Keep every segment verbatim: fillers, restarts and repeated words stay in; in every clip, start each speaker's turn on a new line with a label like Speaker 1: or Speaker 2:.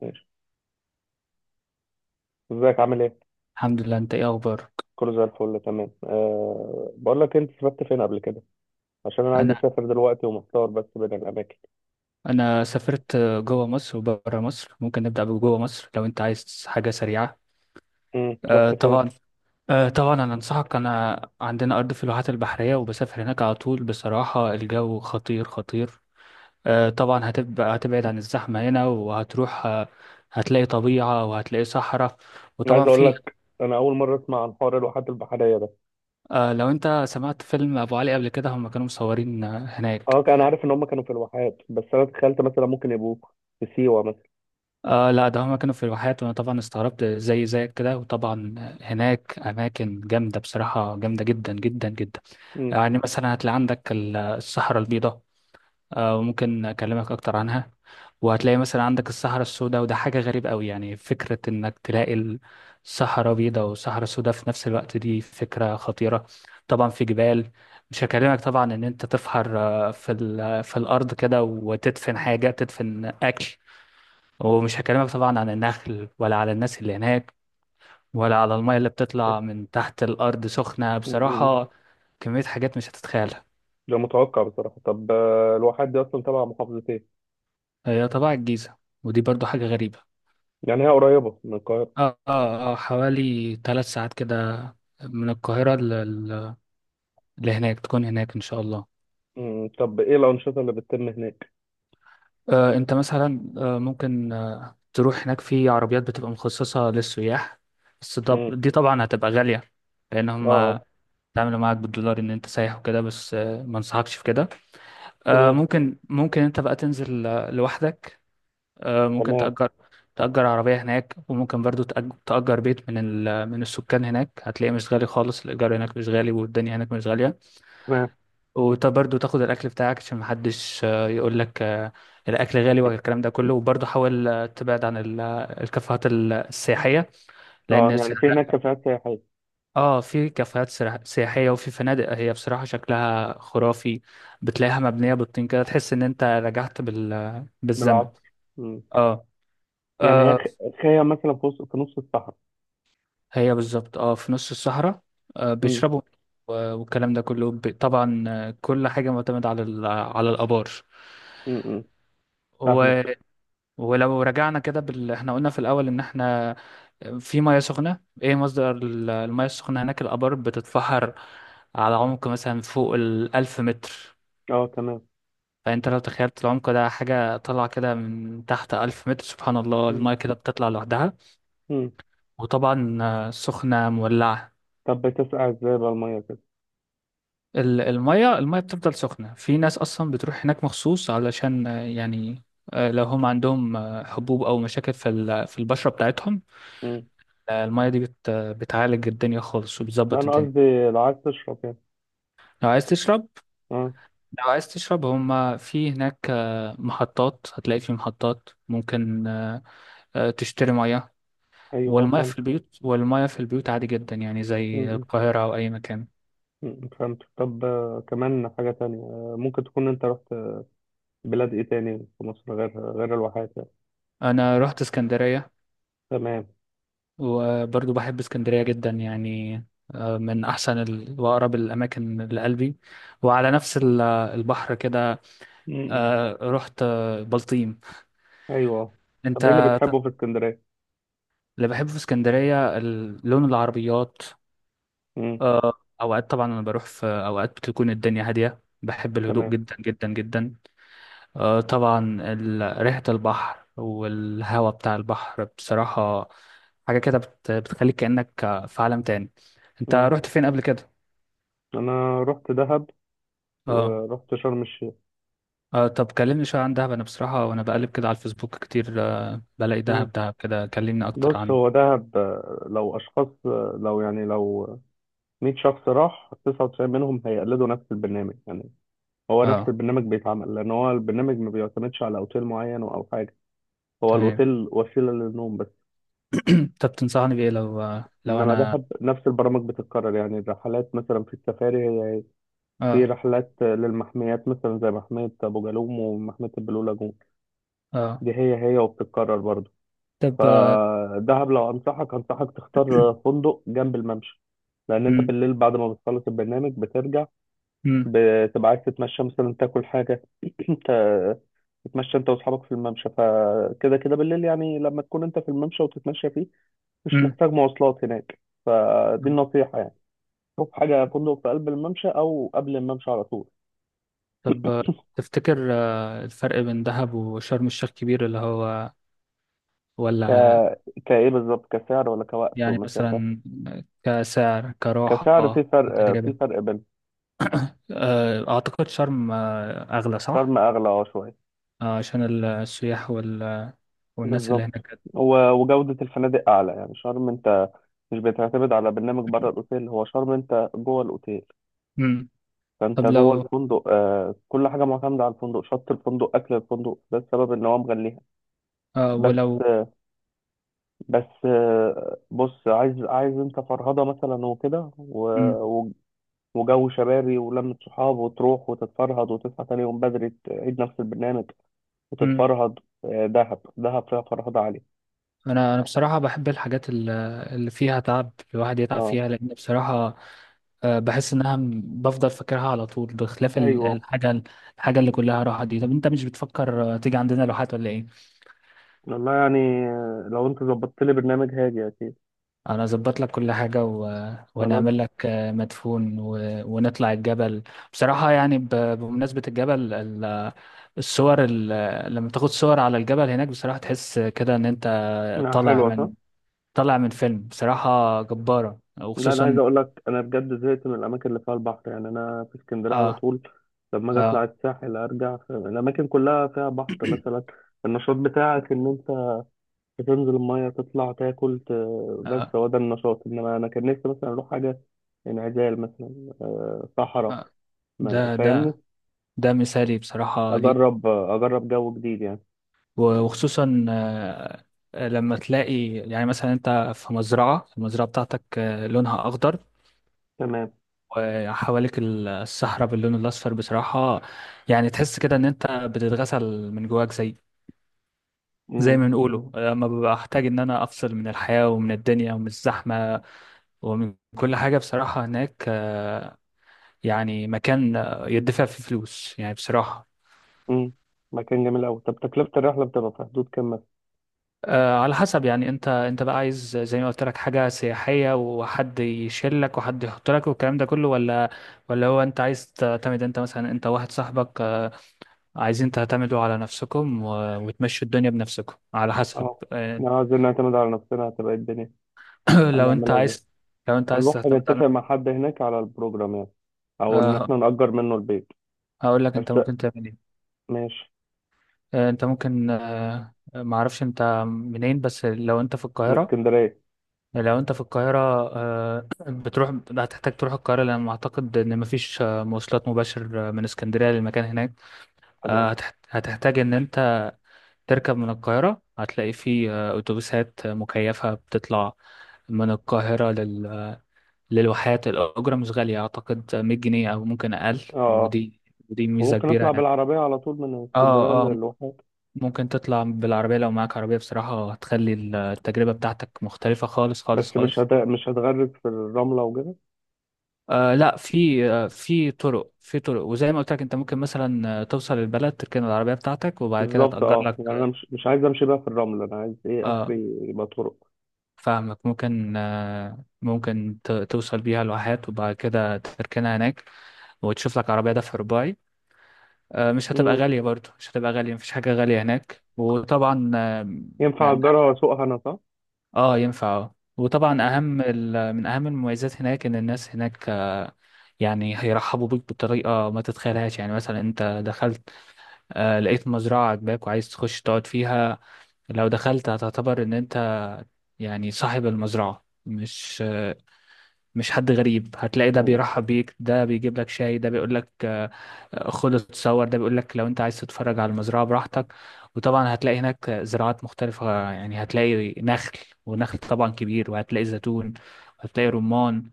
Speaker 1: ماشي، ازيك عامل ايه؟
Speaker 2: الحمد لله، انت ايه اخبارك؟
Speaker 1: كله زي الفل تمام. أه بقول لك انت سافرت فين قبل كده؟ عشان انا عايز
Speaker 2: انا
Speaker 1: اسافر دلوقتي ومحتار بس بين الاماكن.
Speaker 2: انا سافرت جوه مصر وبره مصر. ممكن نبدا بجوه مصر لو انت عايز حاجه سريعه.
Speaker 1: امم
Speaker 2: آه
Speaker 1: رحت فين؟
Speaker 2: طبعا. آه طبعا، انا انصحك. انا عندنا ارض في الواحات البحريه، وبسافر هناك على طول. بصراحه الجو خطير خطير. آه طبعا، هتبقى هتبعد عن الزحمه هنا وهتروح آه هتلاقي طبيعه وهتلاقي صحراء.
Speaker 1: انا عايز
Speaker 2: وطبعا
Speaker 1: اقول
Speaker 2: في.
Speaker 1: لك انا اول مره اسمع عن حوار الواحات البحريه ده.
Speaker 2: آه لو انت سمعت فيلم ابو علي قبل كده، هم كانوا مصورين آه، هناك.
Speaker 1: اه، كان- انا عارف ان هم كانوا في الواحات، بس انا تخيلت مثلا ممكن يبقوا في سيوه مثلا.
Speaker 2: آه، لا، ده هما كانوا في الواحات، وانا طبعا استغربت زي زيك كده. وطبعا هناك اماكن جامده، بصراحه جامده جدا جدا جدا.
Speaker 1: امم
Speaker 2: يعني مثلا هتلاقي عندك ال- الصحراء البيضاء. آه وممكن اكلمك اكتر عنها. وهتلاقي مثلا عندك الصحراء السوداء، وده حاجه غريبه قوي. يعني فكره انك تلاقي الصحراء بيضاء والصحراء السوداء في نفس الوقت، دي فكره خطيره. طبعا في جبال. مش هكلمك طبعا ان انت تفحر آه، في ال- في الارض كده، وتدفن حاجه تدفن اكل. ومش هكلمك طبعا عن النخل ولا على الناس اللي هناك، ولا على المية اللي بتطلع من تحت الأرض سخنة
Speaker 1: أمم.
Speaker 2: بصراحة. كمية حاجات مش هتتخيلها.
Speaker 1: ده متوقع بصراحه. طب، آه، الواحات دي اصلا تبع محافظه ايه؟
Speaker 2: هي طبعا الجيزة، ودي برضو حاجة غريبة.
Speaker 1: يعني هي قريبه من القاهره.
Speaker 2: اه، اه، اه، حوالي ثلاث ساعات كده. من القاهرة ل- اللي هناك تكون هناك إن شاء الله.
Speaker 1: امم طب ايه الانشطه اللي بتتم هناك؟
Speaker 2: آه أنت مثلا آه ممكن آه تروح هناك في عربيات بتبقى مخصصة للسياح. بس طب
Speaker 1: امم
Speaker 2: دي طبعا هتبقى غالية. لأن
Speaker 1: اه، اه.
Speaker 2: هما تعملوا معاك بالدولار إن أنت سايح وكده. بس آه ما انصحكش في كده. آه،
Speaker 1: تمام،
Speaker 2: ممكن ممكن انت بقى تنزل آه، لوحدك. آه، ممكن
Speaker 1: تمام،
Speaker 2: تأجر تأجر عربية هناك. وممكن برضو تأج- تأجر بيت من ال... من السكان هناك. هتلاقيه مش غالي خالص، الإيجار هناك مش غالي والدنيا هناك مش غالية.
Speaker 1: تمام.
Speaker 2: وبرضو تاخد الأكل بتاعك عشان محدش آه، يقول لك آه، الأكل غالي والكلام ده كله. وبرضو حاول آه، تبعد عن ال- الكافيهات ال- السياحية.
Speaker 1: اه،
Speaker 2: لأن
Speaker 1: يعني في هناك
Speaker 2: سعرها-
Speaker 1: كافيهات سياحية.
Speaker 2: اه، في كافيهات سرا- سياحية، وفي فنادق هي بصراحة شكلها خرافي. بتلاقيها مبنية بالطين كده، تحس إن أنت رجعت بال... بالزمن.
Speaker 1: بالعصر. مم.
Speaker 2: اه.
Speaker 1: يعني هي
Speaker 2: آه،
Speaker 1: خ- خيام مثلا، في وسط في نص الصحراء.
Speaker 2: هي بالظبط اه في نص الصحراء. آه
Speaker 1: مم.
Speaker 2: بيشربوا. و- والكلام ده كله ب- طبعا آه، كل حاجة معتمدة على ال- على الآبار.
Speaker 1: مم. مم. فاهمك.
Speaker 2: و... ولو رجعنا كده بال... احنا قلنا في الأول إن احنا في مياه سخنة. ايه مصدر ال- المياه السخنة هناك؟ الآبار بتتفحر على عمق مثلا فوق الألف متر.
Speaker 1: اه، تمام.
Speaker 2: فأنت لو تخيلت العمق ده حاجة طالعة كده من تحت ألف متر، سبحان الله
Speaker 1: مم.
Speaker 2: المياه كده بتطلع لوحدها.
Speaker 1: مم.
Speaker 2: وطبعا آه، سخنة مولعة.
Speaker 1: طب بتسقع ازاي بقى المية كده؟
Speaker 2: ال- المية المية بتفضل سخنة. في ناس أصلا بتروح هناك مخصوص علشان آه، يعني آه، لو هم عندهم آه، حبوب أو مشاكل في ال- في البشرة بتاعتهم.
Speaker 1: مم.
Speaker 2: آه، المية دي بت بتعالج الدنيا خالص
Speaker 1: لا،
Speaker 2: وبتظبط
Speaker 1: انا
Speaker 2: الدنيا.
Speaker 1: قصدي لو عايز تشرب يعني.
Speaker 2: لو عايز تشرب
Speaker 1: اه.
Speaker 2: لو عايز تشرب، هم في هناك آه، محطات، هتلاقي في محطات، ممكن آه، آه، تشتري مية.
Speaker 1: ايوه، اه،
Speaker 2: والمية
Speaker 1: فهمت.
Speaker 2: في البيوت والمية في البيوت عادي جدا، يعني
Speaker 1: مم.
Speaker 2: زي
Speaker 1: مم.
Speaker 2: القاهرة أو أي مكان.
Speaker 1: مم. فهمت. طب آه، كمان حاجة تانية، آه، ممكن تكون انت رحت بلاد ايه تاني في مصر، غير غير الواحات يعني.
Speaker 2: أنا رحت اسكندرية،
Speaker 1: تمام.
Speaker 2: وبرضو بحب اسكندرية جدا يعني. آه، من أحسن ال- وأقرب الأماكن لقلبي. وعلى نفس ال- البحر كده.
Speaker 1: مم. مم.
Speaker 2: آه، رحت آه، بلطيم.
Speaker 1: ايوه.
Speaker 2: أنت.
Speaker 1: طب ايه اللي بتحبه في اسكندرية؟
Speaker 2: اللي بحبه في اسكندرية ال- لون العربيات.
Speaker 1: مم.
Speaker 2: آه، أوقات طبعا أنا بروح في أوقات بتكون الدنيا هادية، بحب الهدوء
Speaker 1: تمام.
Speaker 2: جدا جدا جدا. آه، طبعا ال- ريحة البحر والهواء بتاع البحر بصراحة حاجة كده بت- بتخليك كأنك في عالم تاني. أنت
Speaker 1: مم.
Speaker 2: رحت فين قبل كده؟
Speaker 1: انا رحت دهب
Speaker 2: اه.
Speaker 1: ورحت شرم الشيخ.
Speaker 2: آه طب كلمني شوية عن دهب. أنا بصراحة، وأنا بقلب كده على الفيسبوك كتير آه بلاقي
Speaker 1: مم.
Speaker 2: دهب دهب كده. كلمني أكتر
Speaker 1: بص،
Speaker 2: عن.
Speaker 1: هو دهب. آه، لو أشخاص آه، لو يعني لو مية شخص، راح تسعة وتسعين منهم هيقلدوا نفس البرنامج يعني. هو نفس
Speaker 2: اه،
Speaker 1: البرنامج بيتعمل، لأن هو البرنامج ما بيعتمدش على أوتيل معين أو حاجة. هو
Speaker 2: تمام.
Speaker 1: الأوتيل وسيلة للنوم بس.
Speaker 2: طب تنصحني بإيه لو آه لو
Speaker 1: إنما
Speaker 2: أنا.
Speaker 1: دهب نفس البرامج بتتكرر، يعني الرحلات مثلا في السفاري هي هي. في
Speaker 2: اه،
Speaker 1: رحلات آه، للمحميات، مثلا زي محمية أبو جالوم ومحمية البلو لاجون.
Speaker 2: اه.
Speaker 1: دي هي هي، وبتتكرر برضه.
Speaker 2: طب آه
Speaker 1: فدهب، لو انصحك انصحك تختار فندق جنب الممشى، لان انت
Speaker 2: مم،
Speaker 1: بالليل بعد ما بتخلص البرنامج بترجع،
Speaker 2: مم،
Speaker 1: بتبقى عايز تتمشى، مثلا تاكل حاجه. ت- تتمشى انت واصحابك في الممشى، فكده كده بالليل يعني، لما تكون انت في الممشى وتتمشى فيه مش
Speaker 2: مم.
Speaker 1: محتاج مواصلات هناك. فدي النصيحه يعني. شوف حاجه فندق في قلب الممشى، او قبل الممشى على طول.
Speaker 2: طب آه، تفتكر آه الفرق بين دهب وشرم الشيخ كبير؟ اللي هو ولا
Speaker 1: ك
Speaker 2: آه،
Speaker 1: كايه بالظبط، كسعر ولا كوقت
Speaker 2: يعني
Speaker 1: ومسافه؟
Speaker 2: مثلا كسعر،
Speaker 1: كسعر، في
Speaker 2: كراحة،
Speaker 1: فرق في
Speaker 2: كتجربة.
Speaker 1: فرق بين.
Speaker 2: آه أعتقد شرم آه أغلى، صح؟
Speaker 1: شرم اغلى اه شويه.
Speaker 2: آه عشان السياح وال والناس اللي
Speaker 1: بالظبط.
Speaker 2: هناك.
Speaker 1: و- وجودة الفنادق أعلى، يعني شرم أنت مش بتعتمد على برنامج بره الأوتيل، هو شرم أنت جوه الأوتيل.
Speaker 2: مم.
Speaker 1: فأنت
Speaker 2: طب
Speaker 1: جوه
Speaker 2: لو
Speaker 1: الفندق، آه كل حاجة معتمدة على الفندق، شط الفندق، أكل الفندق. ده السبب إن هو مغليها.
Speaker 2: آه
Speaker 1: بس
Speaker 2: ولو.
Speaker 1: بس آه بص، عايز، عايز أنت فرهضة مثلا وكده، و-
Speaker 2: مم.
Speaker 1: و- وجو شبابي ولمة صحاب، وتروح وتتفرهد، وتصحى تاني يوم بدري تعيد نفس البرنامج
Speaker 2: مم.
Speaker 1: وتتفرهد. آه دهب دهب فيها فرهضة عالية.
Speaker 2: انا انا بصراحه بحب الحاجات ال- اللي فيها تعب، الواحد يتعب
Speaker 1: اه،
Speaker 2: فيها لان بصراحه آه، بحس انها م- بفضل فاكرها على طول، بخلاف ال-
Speaker 1: ايوه.
Speaker 2: الحاجه الحاجه اللي كلها راحه دي. طب انت مش بتفكر آه، تيجي عندنا لوحات ولا ايه؟
Speaker 1: والله يعني، لو انت ظبطت لي برنامج هاجي اكيد.
Speaker 2: انا اظبط لك كل حاجه و...
Speaker 1: خلاص.
Speaker 2: ونعمل لك آه، مدفون و... ونطلع الجبل. بصراحه يعني ب... بمناسبه الجبل ال... الصور ال... لما تاخد صور على الجبل هناك بصراحه تحس كده ان انت
Speaker 1: لا، حلوه
Speaker 2: طالع
Speaker 1: صح.
Speaker 2: طلع من فيلم بصراحة جبارة،
Speaker 1: لا، انا عايز
Speaker 2: وخصوصا.
Speaker 1: اقول لك، انا بجد زهقت من الاماكن اللي فيها البحر. يعني انا في اسكندريه على
Speaker 2: اه،
Speaker 1: طول، لما اجي اطلع
Speaker 2: اه،
Speaker 1: الساحل ارجع. ف- الاماكن كلها فيها بحر مثلا. النشاط بتاعك ان انت تنزل الميه، تطلع، تاكل، ت... بس
Speaker 2: اه،
Speaker 1: هو ده النشاط. انما انا كان نفسي مثلا اروح حاجه انعزال، مثلا، آه، صحراء،
Speaker 2: آه.
Speaker 1: ما
Speaker 2: ده ده
Speaker 1: فاهمني،
Speaker 2: ده مثالي بصراحة ليك.
Speaker 1: اجرب، آه، اجرب جو جديد يعني.
Speaker 2: وخصوصا آه لما تلاقي يعني مثلا انت في مزرعة المزرعة بتاعتك آه لونها اخضر.
Speaker 1: تمام.
Speaker 2: وحواليك الصحراء باللون الاصفر بصراحة. يعني تحس كده ان انت بتتغسل من جواك زي زي
Speaker 1: مم.
Speaker 2: ما بنقوله لما ببقى احتاج ان انا افصل من الحياة ومن الدنيا ومن الزحمة ومن كل حاجة. بصراحة هناك آه، يعني مكان آه، يدفع فيه فلوس يعني بصراحة.
Speaker 1: امم مكان جميل قوي. طب تكلفة الرحلة بتبقى في حدود كام مثلا؟
Speaker 2: آه، على حسب، يعني انت انت بقى عايز زي ما قلت لك حاجة سياحية، وحد يشيلك وحد يحط لك والكلام ده كله، ولا ولا هو انت عايز تعتمد؟ انت مثلا انت واحد صاحبك آه، عايزين تعتمدوا على نفسكم و- وتمشوا الدنيا بنفسكم، على حسب.
Speaker 1: اه.
Speaker 2: آه،
Speaker 1: لو عايزين نعتمد على نفسنا، هتبقى إيه الدنيا؟
Speaker 2: لو انت
Speaker 1: هنعملها ازاي؟
Speaker 2: عايز لو انت عايز
Speaker 1: هنروح
Speaker 2: تعتمد على.
Speaker 1: نتفق مع حد هناك على البروجرام يعني، او ان
Speaker 2: آه،
Speaker 1: احنا نأجر منه البيت.
Speaker 2: هقول لك انت
Speaker 1: بس.
Speaker 2: ممكن تعمل ايه.
Speaker 1: ماشي.
Speaker 2: آه، انت ممكن آه، ما اعرفش انت منين، بس لو انت في
Speaker 1: من
Speaker 2: القاهرة
Speaker 1: اسكندرية.
Speaker 2: لو انت في القاهرة آه، بتروح. هتحتاج تروح القاهرة لأن أعتقد إن مفيش آه، مواصلات مباشر آه، من اسكندرية للمكان هناك. آه،
Speaker 1: تمام.
Speaker 2: هتح- هتحتاج إن انت تركب من القاهرة، هتلاقي في آه، أتوبيسات مكيفة بتطلع من القاهرة لل... للواحات. الأجرة مش غالية، أعتقد مية جنيه أو ممكن أقل.
Speaker 1: اه، اه.
Speaker 2: ودي ودي ميزة
Speaker 1: وممكن
Speaker 2: كبيرة
Speaker 1: نطلع
Speaker 2: يعني.
Speaker 1: بالعربية على طول من اسكندرية
Speaker 2: اه، اه،
Speaker 1: للواحات؟
Speaker 2: ممكن تطلع بالعربية لو معاك عربية، بصراحة هتخلي التجربة بتاعتك مختلفة خالص خالص
Speaker 1: بس مش
Speaker 2: خالص.
Speaker 1: هت... مش هتغرق في الرملة وكده؟
Speaker 2: آه لا، في آه في طرق في طرق، وزي ما قلت لك انت ممكن مثلا آه، توصل البلد، تركن العربية بتاعتك وبعد كده
Speaker 1: بالظبط،
Speaker 2: تأجر
Speaker 1: اه. يعني انا
Speaker 2: لك.
Speaker 1: مش مش عايز امشي بقى في الرملة، انا عايز ايه
Speaker 2: اه،
Speaker 1: اخري، يبقى طرق.
Speaker 2: فاهمك. ممكن آه ممكن ت- توصل بيها لواحات وبعد كده تركنها هناك، وتشوف لك عربية دفع رباعي. آه مش هتبقى
Speaker 1: امم
Speaker 2: غالية، برضو مش هتبقى غالية، مفيش حاجة غالية هناك. وطبعا آه
Speaker 1: ينفع
Speaker 2: من-
Speaker 1: اجرها واسوقها انا، صح؟
Speaker 2: آه، ينفع اه، وطبعا اهم ال- من اهم المميزات هناك ان الناس هناك آه، يعني هيرحبوا بيك بطريقه ما تتخيلهاش. يعني مثلا انت دخلت آه، لقيت مزرعة عجباك وعايز تخش تقعد فيها. لو دخلت هتعتبر ان انت يعني صاحب المزرعة مش آه، مش حد غريب. هتلاقي ده
Speaker 1: امم
Speaker 2: بيرحب بيك، ده بيجيب لك شاي، ده بيقول لك آه، آه، خد اتصور، ده بيقول لك لو انت عايز تتفرج على المزرعة براحتك. وطبعا هتلاقي هناك زراعات مختلفة، يعني هتلاقي نخل، ونخل طبعا كبير، وهتلاقي زيتون وهتلاقي رمان.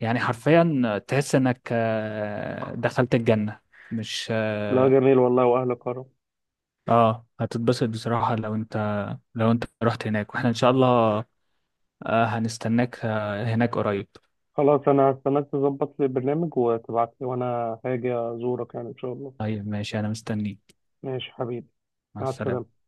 Speaker 2: يعني حرفيا تحس انك آه، دخلت الجنة. مش. اه.
Speaker 1: لا، جميل والله، واهل كرم.
Speaker 2: آه، هتتبسط بصراحة لو انت لو انت رحت هناك، واحنا ان شاء الله آه، هنستناك آه، هناك قريب.
Speaker 1: خلاص، انا هستناك تظبط لي برنامج وتبعت لي، وانا هاجي ازورك يعني ان شاء الله.
Speaker 2: طيب، ماشي، انا مستنيك.
Speaker 1: ماشي حبيبي.
Speaker 2: مع
Speaker 1: مع
Speaker 2: السلامة.
Speaker 1: السلامة.